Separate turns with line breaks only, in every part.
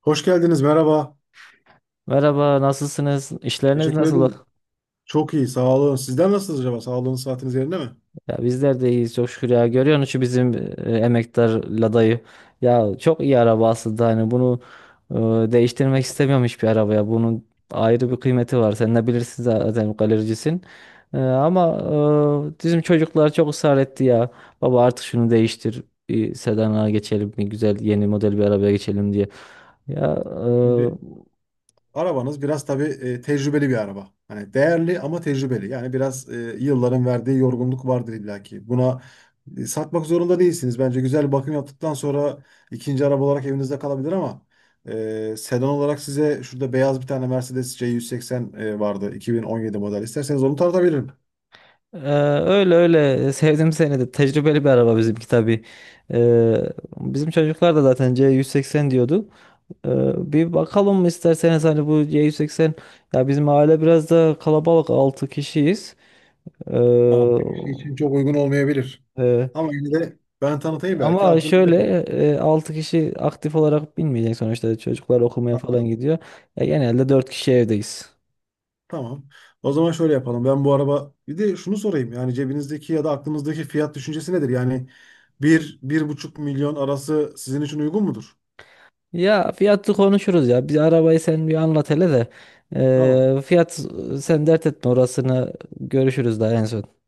Hoş geldiniz, merhaba.
Merhaba, nasılsınız? İşleriniz
Teşekkür
nasıl?
ederim. Çok iyi, sağ olun. Sizden nasılsınız acaba? Sağlığınız, saatiniz yerinde mi?
Ya bizler de iyiyiz çok şükür ya. Görüyorsun şu bizim emektar Lada'yı. Ya çok iyi araba aslında hani bunu değiştirmek istemiyorum hiçbir arabaya. Bunun ayrı bir kıymeti var. Sen de bilirsin zaten galericisin. Ama bizim çocuklar çok ısrar etti ya. Baba artık şunu değiştir. Bir sedana geçelim, bir güzel yeni model bir arabaya geçelim diye. Ya
Şimdi
e,
arabanız biraz tabii tecrübeli bir araba. Hani değerli ama tecrübeli. Yani biraz yılların verdiği yorgunluk vardır illaki. Buna satmak zorunda değilsiniz. Bence güzel bir bakım yaptıktan sonra ikinci araba olarak evinizde kalabilir ama sedan olarak size şurada beyaz bir tane Mercedes C180 vardı. 2017 model. İsterseniz onu tartabilirim.
Ee, Öyle öyle sevdim seni, de tecrübeli bir araba bizimki tabii. Ee, Bizim çocuklar da zaten C180 diyordu. Bir bakalım mı isterseniz hani bu C180. Ya bizim aile biraz da kalabalık, 6 kişiyiz. Ee,
Tamam. Bir kişi için çok uygun olmayabilir.
e,
Ama yine de ben tanıtayım belki
Ama
aklınızda
şöyle, 6 kişi aktif olarak binmeyecek sonuçta, çocuklar okumaya falan
kalır.
gidiyor. Ya genelde 4 kişi evdeyiz.
Tamam. O zaman şöyle yapalım. Ben bu araba bir de şunu sorayım. Yani cebinizdeki ya da aklınızdaki fiyat düşüncesi nedir? Yani bir, bir buçuk milyon arası sizin için uygun mudur?
Ya fiyatı konuşuruz ya. Biz arabayı sen bir anlat hele de.
Tamam.
Fiyat, sen dert etme orasını, görüşürüz daha en son.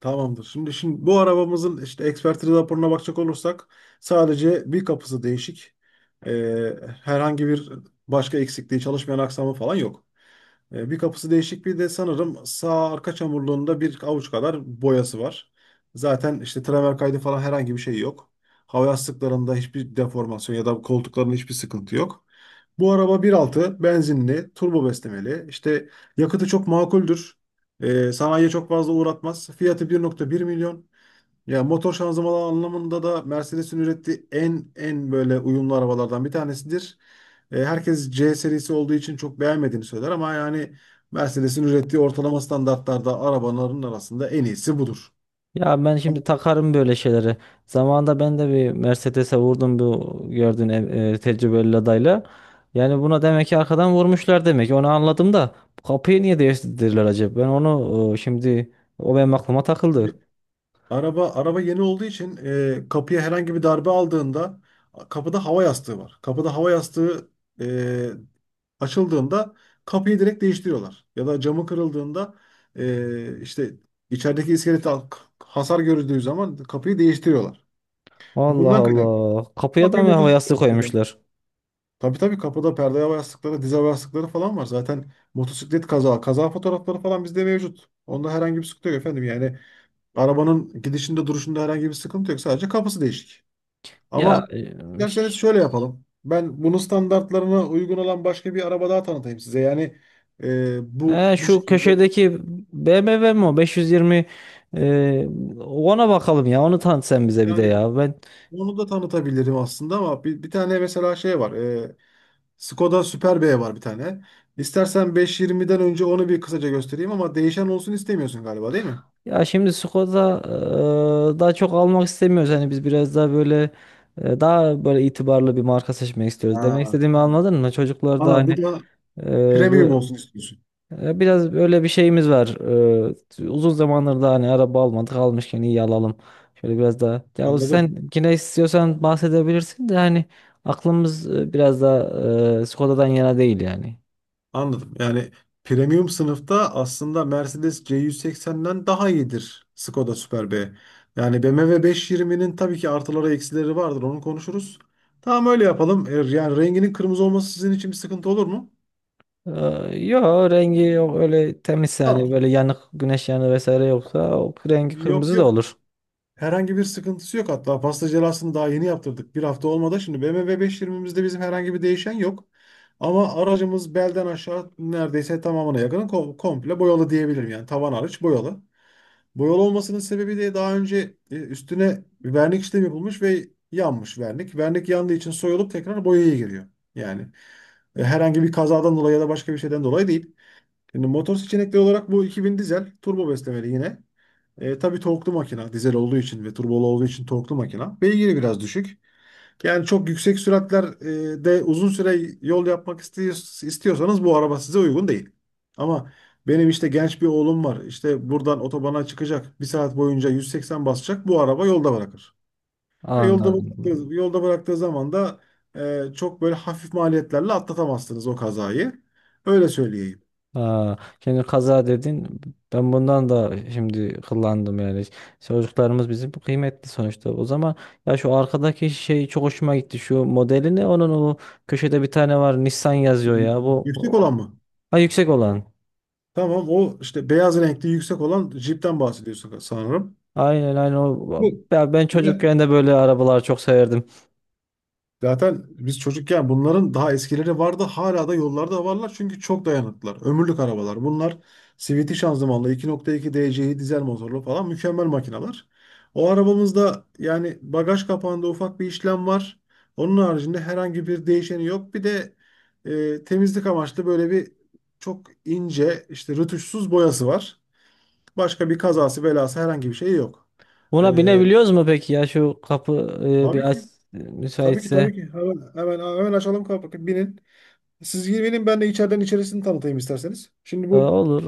Tamamdır. Şimdi bu arabamızın işte ekspertiz raporuna bakacak olursak sadece bir kapısı değişik. Ee, herhangi bir başka eksikliği, çalışmayan aksamı falan yok. Bir kapısı değişik bir de sanırım sağ arka çamurluğunda bir avuç kadar boyası var. Zaten işte tramer kaydı falan herhangi bir şey yok. Hava yastıklarında hiçbir deformasyon ya da koltuklarında hiçbir sıkıntı yok. Bu araba bir altı, benzinli, turbo beslemeli. İşte yakıtı çok makuldür. Sanayiye çok fazla uğratmaz. Fiyatı 1,1 milyon. Ya motor şanzımanı anlamında da Mercedes'in ürettiği en böyle uyumlu arabalardan bir tanesidir. Herkes C serisi olduğu için çok beğenmediğini söyler ama yani Mercedes'in ürettiği ortalama standartlarda arabaların arasında en iyisi budur.
Ya ben şimdi takarım böyle şeyleri. Zamanında ben de bir Mercedes'e vurdum bu gördüğün tecrübeli adayla. Yani buna demek ki arkadan vurmuşlar demek ki. Onu anladım da bu kapıyı niye değiştirdiler acaba? Ben onu şimdi, o benim aklıma takıldı.
Yani Araba yeni olduğu için kapıya herhangi bir darbe aldığında kapıda hava yastığı var. Kapıda hava yastığı e, açıldığında kapıyı direkt değiştiriyorlar. Ya da camı kırıldığında işte içerideki iskelete hasar görüldüğü zaman kapıyı değiştiriyorlar.
Allah
Bundan kaynaklı.
Allah. Kapıya
Bak
da
bir
mı hava yastığı
motosiklet kazası.
koymuşlar?
Tabii tabii kapıda perde hava yastıkları, diz hava yastıkları falan var. Zaten motosiklet kaza fotoğrafları falan bizde mevcut. Onda herhangi bir sıkıntı yok efendim. Yani arabanın gidişinde duruşunda herhangi bir sıkıntı yok. Sadece kapısı değişik.
Ya
Ama
e,
isterseniz şöyle yapalım. Ben bunun standartlarına uygun olan başka bir araba daha tanıtayım size. Yani e, bu
He,
bu
şu
şekilde
köşedeki BMW mi o? 520, e, ona bakalım ya. Onu tanıt sen bize bir de
yani
ya.
onu da tanıtabilirim aslında ama bir tane mesela şey var. Skoda Superb var bir tane. İstersen 520'den önce onu bir kısaca göstereyim ama değişen olsun istemiyorsun galiba değil mi?
Ya şimdi Skoda, daha çok almak istemiyoruz. Hani biz biraz daha böyle daha böyle itibarlı bir marka seçmek istiyoruz.
Ha,
Demek istediğimi
tamam.
anladın mı? Çocuklar da
Aa,
hani
bir de
e,
premium
bu-
olsun istiyorsun.
Biraz böyle bir şeyimiz var. Uzun zamandır da hani araba almadık, almışken iyi alalım. Şöyle biraz daha. Ya o
Anladım.
sen yine istiyorsan bahsedebilirsin de hani aklımız biraz daha Skoda'dan yana değil yani.
Anladım. Yani premium sınıfta aslında Mercedes C180'den daha iyidir Skoda Superb. Yani BMW 520'nin tabii ki artıları eksileri vardır. Onu konuşuruz. Tamam öyle yapalım. Yani renginin kırmızı olması sizin için bir sıkıntı olur mu?
E, Yok, rengi yok öyle, temiz yani,
Tamam.
böyle yanık, güneş yanığı vesaire yoksa o, rengi
Yok
kırmızı da
yok.
olur.
Herhangi bir sıkıntısı yok hatta. Pasta celasını daha yeni yaptırdık. Bir hafta olmadı. Şimdi BMW 520'mizde bizim herhangi bir değişen yok. Ama aracımız belden aşağı neredeyse tamamına yakın komple boyalı diyebilirim. Yani tavan hariç boyalı. Boyalı olmasının sebebi de daha önce üstüne bir vernik işlemi yapılmış ve yanmış vernik. Vernik yandığı için soyulup tekrar boyaya giriyor. Yani herhangi bir kazadan dolayı ya da başka bir şeyden dolayı değil. Şimdi motor seçenekleri olarak bu 2000 dizel turbo beslemeli yine. Tabii torklu makina dizel olduğu için ve turbolu olduğu için torklu makina. Beygiri biraz düşük. Yani çok yüksek süratlerde uzun süre yol yapmak istiyorsanız bu araba size uygun değil. Ama benim işte genç bir oğlum var. İşte buradan otobana çıkacak. Bir saat boyunca 180 basacak. Bu araba yolda bırakır. Ve
Anladım.
yolda bıraktığı zaman da çok böyle hafif maliyetlerle atlatamazsınız o kazayı. Öyle söyleyeyim.
Aa, şimdi kaza dedin. Ben bundan da şimdi kullandım yani. Çocuklarımız bizim kıymetli sonuçta. O zaman, ya şu arkadaki şey çok hoşuma gitti. Şu modeli ne? Onun o köşede bir tane var. Nissan yazıyor
Y-
ya.
Yüksek olan mı?
Ha, yüksek olan.
Tamam o işte beyaz renkli yüksek olan Jeep'ten bahsediyorsun sanırım.
Aynen aynen o.
Bu.
Ya ben çocukken de böyle arabalar çok severdim.
Zaten biz çocukken bunların daha eskileri vardı. Hala da yollarda varlar çünkü çok dayanıklılar. Ömürlük arabalar. Bunlar CVT şanzımanlı 2,2 DCi dizel motorlu falan mükemmel makineler. O arabamızda yani bagaj kapağında ufak bir işlem var. Onun haricinde herhangi bir değişeni yok. Bir de temizlik amaçlı böyle bir çok ince işte rötuşsuz boyası var. Başka bir kazası belası herhangi bir şey yok.
Buna
E,
binebiliyoruz mu peki ya? Şu kapı,
tabii
bir aç,
ki. Tabii ki
müsaitse.
tabii ki. Hemen, hemen, hemen açalım kapıyı. Binin. Siz gelin ben de içeriden içerisini tanıtayım isterseniz. Şimdi
Olur.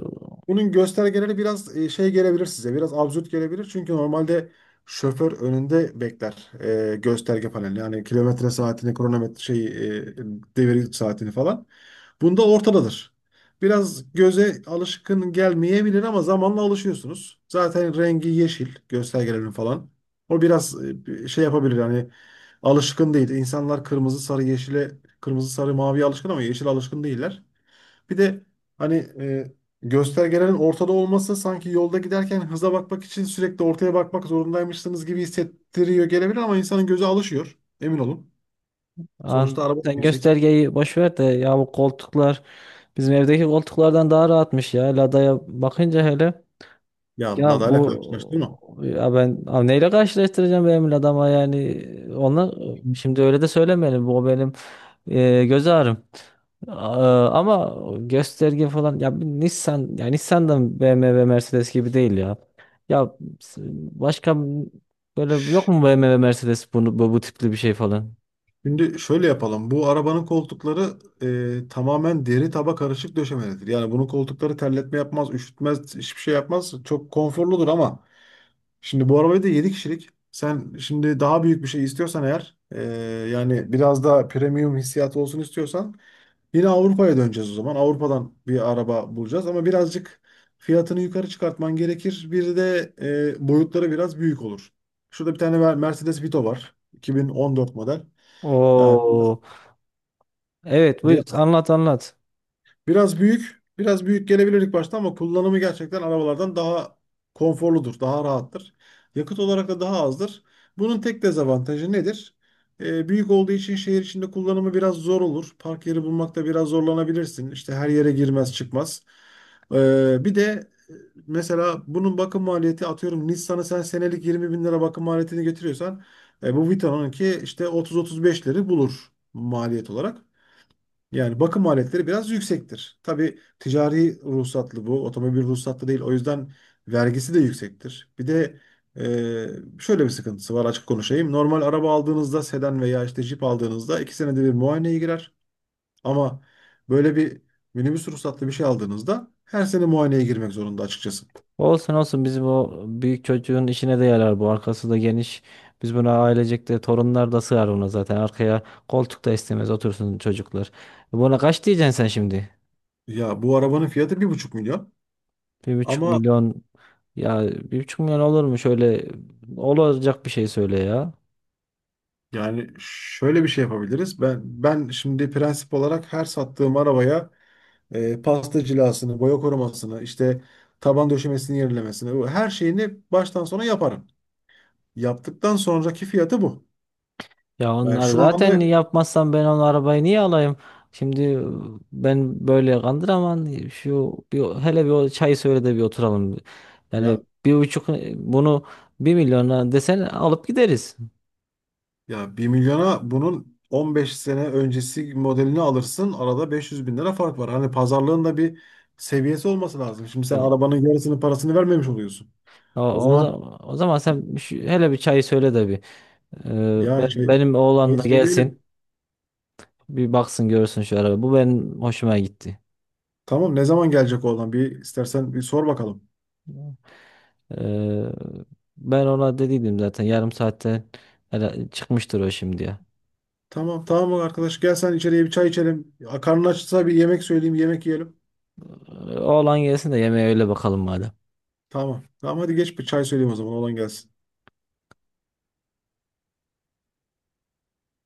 bunun göstergeleri biraz şey gelebilir size. Biraz absürt gelebilir. Çünkü normalde şoför önünde bekler gösterge paneli. Yani kilometre saatini, kronometre şeyi, devir saatini falan. Bunda ortadadır. Biraz göze alışkın gelmeyebilir ama zamanla alışıyorsunuz. Zaten rengi yeşil göstergelerin falan. O biraz bir şey yapabilir yani alışkın değil. İnsanlar kırmızı, sarı, yeşile, kırmızı, sarı, maviye alışkın ama yeşil alışkın değiller. Bir de hani e, göstergelerin ortada olması sanki yolda giderken hıza bakmak için sürekli ortaya bakmak zorundaymışsınız gibi hissettiriyor gelebilir ama insanın gözü alışıyor. Emin olun. Sonuçta
Anladım.
araba da
Sen
yüksek.
göstergeyi boş ver de, ya bu koltuklar bizim evdeki koltuklardan daha rahatmış ya. Lada'ya bakınca hele,
Ya
ya
Lada ile karşılaştırma.
bu ya ben abi neyle karşılaştıracağım benim Lada'ma yani, ona şimdi öyle de söylemeyelim, bu benim göz ağrım. Aa, ama gösterge falan ya bir Nissan, ya Nissan da BMW Mercedes gibi değil ya. Ya s- Başka böyle yok mu, BMW Mercedes bunu, bu tipli bir şey falan?
Şimdi şöyle yapalım. Bu arabanın koltukları tamamen deri taba karışık döşemelidir. Yani bunun koltukları terletme yapmaz, üşütmez, hiçbir şey yapmaz. Çok konforludur ama şimdi bu arabayı da 7 kişilik. Sen şimdi daha büyük bir şey istiyorsan eğer yani biraz daha premium hissiyatı olsun istiyorsan yine Avrupa'ya döneceğiz o zaman. Avrupa'dan bir araba bulacağız ama birazcık fiyatını yukarı çıkartman gerekir. Bir de boyutları biraz büyük olur. Şurada bir tane Mercedes Vito var. 2014 model. Ha, biraz,
Oo. Evet, bu anlat anlat.
Biraz büyük, biraz büyük gelebilir ilk başta ama kullanımı gerçekten arabalardan daha konforludur, daha rahattır. Yakıt olarak da daha azdır. Bunun tek dezavantajı nedir? Büyük olduğu için şehir içinde kullanımı biraz zor olur. Park yeri bulmakta biraz zorlanabilirsin. İşte her yere girmez çıkmaz. Bir de e, mesela bunun bakım maliyeti atıyorum Nissan'ı sen senelik 20 bin lira bakım maliyetini getiriyorsan bu Vita'nınki işte 30-35'leri bulur maliyet olarak. Yani bakım maliyetleri biraz yüksektir. Tabii ticari ruhsatlı bu, otomobil ruhsatlı değil. O yüzden vergisi de yüksektir. Bir de şöyle bir sıkıntısı var açık konuşayım. Normal araba aldığınızda sedan veya işte jip aldığınızda iki senede bir muayeneye girer. Ama böyle bir minibüs ruhsatlı bir şey aldığınızda her sene muayeneye girmek zorunda açıkçası.
Olsun olsun, bizim o büyük çocuğun işine de yarar bu. Arkası da geniş. Biz buna ailecek de torunlar da sığar buna zaten. Arkaya koltuk da istemez, otursun çocuklar. Buna kaç diyeceksin sen şimdi?
Ya bu arabanın fiyatı bir buçuk milyon.
Bir buçuk
Ama
milyon ya 1,5 milyon olur mu, şöyle olacak bir şey söyle ya.
yani şöyle bir şey yapabiliriz. Ben şimdi prensip olarak her sattığım arabaya pasta cilasını, boya korumasını, işte taban döşemesini yenilemesini, bu her şeyini baştan sona yaparım. Yaptıktan sonraki fiyatı bu.
Ya
Ben
onlar
şu
zaten
anda
yapmazsam ben onu arabayı niye alayım? Şimdi ben böyle kandıramam. Şu bir, hele bir o çay söyle de bir oturalım.
ya
Yani 1,5, bunu 1 milyona desen alıp gideriz.
bir milyona bunun 15 sene öncesi modelini alırsın. Arada 500 bin lira fark var. Hani pazarlığın da bir seviyesi olması lazım. Şimdi sen
Ya,
arabanın yarısının parasını vermemiş oluyorsun.
O,
O
o,
zaman
zaman, o zaman sen hele bir çayı söyle de bir.
ya
Benim
şey
oğlan da gelsin.
söyleyebilirim.
Bir baksın görsün şu araba. Bu benim hoşuma gitti.
Tamam ne zaman gelecek oğlan? Bir istersen bir sor bakalım.
Ee, Ben ona dediydim zaten 0,5 saatte, hele çıkmıştır o şimdiye.
Tamam tamam bak arkadaş gel sen içeriye bir çay içelim. Ya, karnın açsa bir yemek söyleyeyim yemek yiyelim.
Oğlan gelsin de yemeğe öyle bakalım madem.
Tamam. Tamam hadi geç bir çay söyleyeyim o zaman olan gelsin.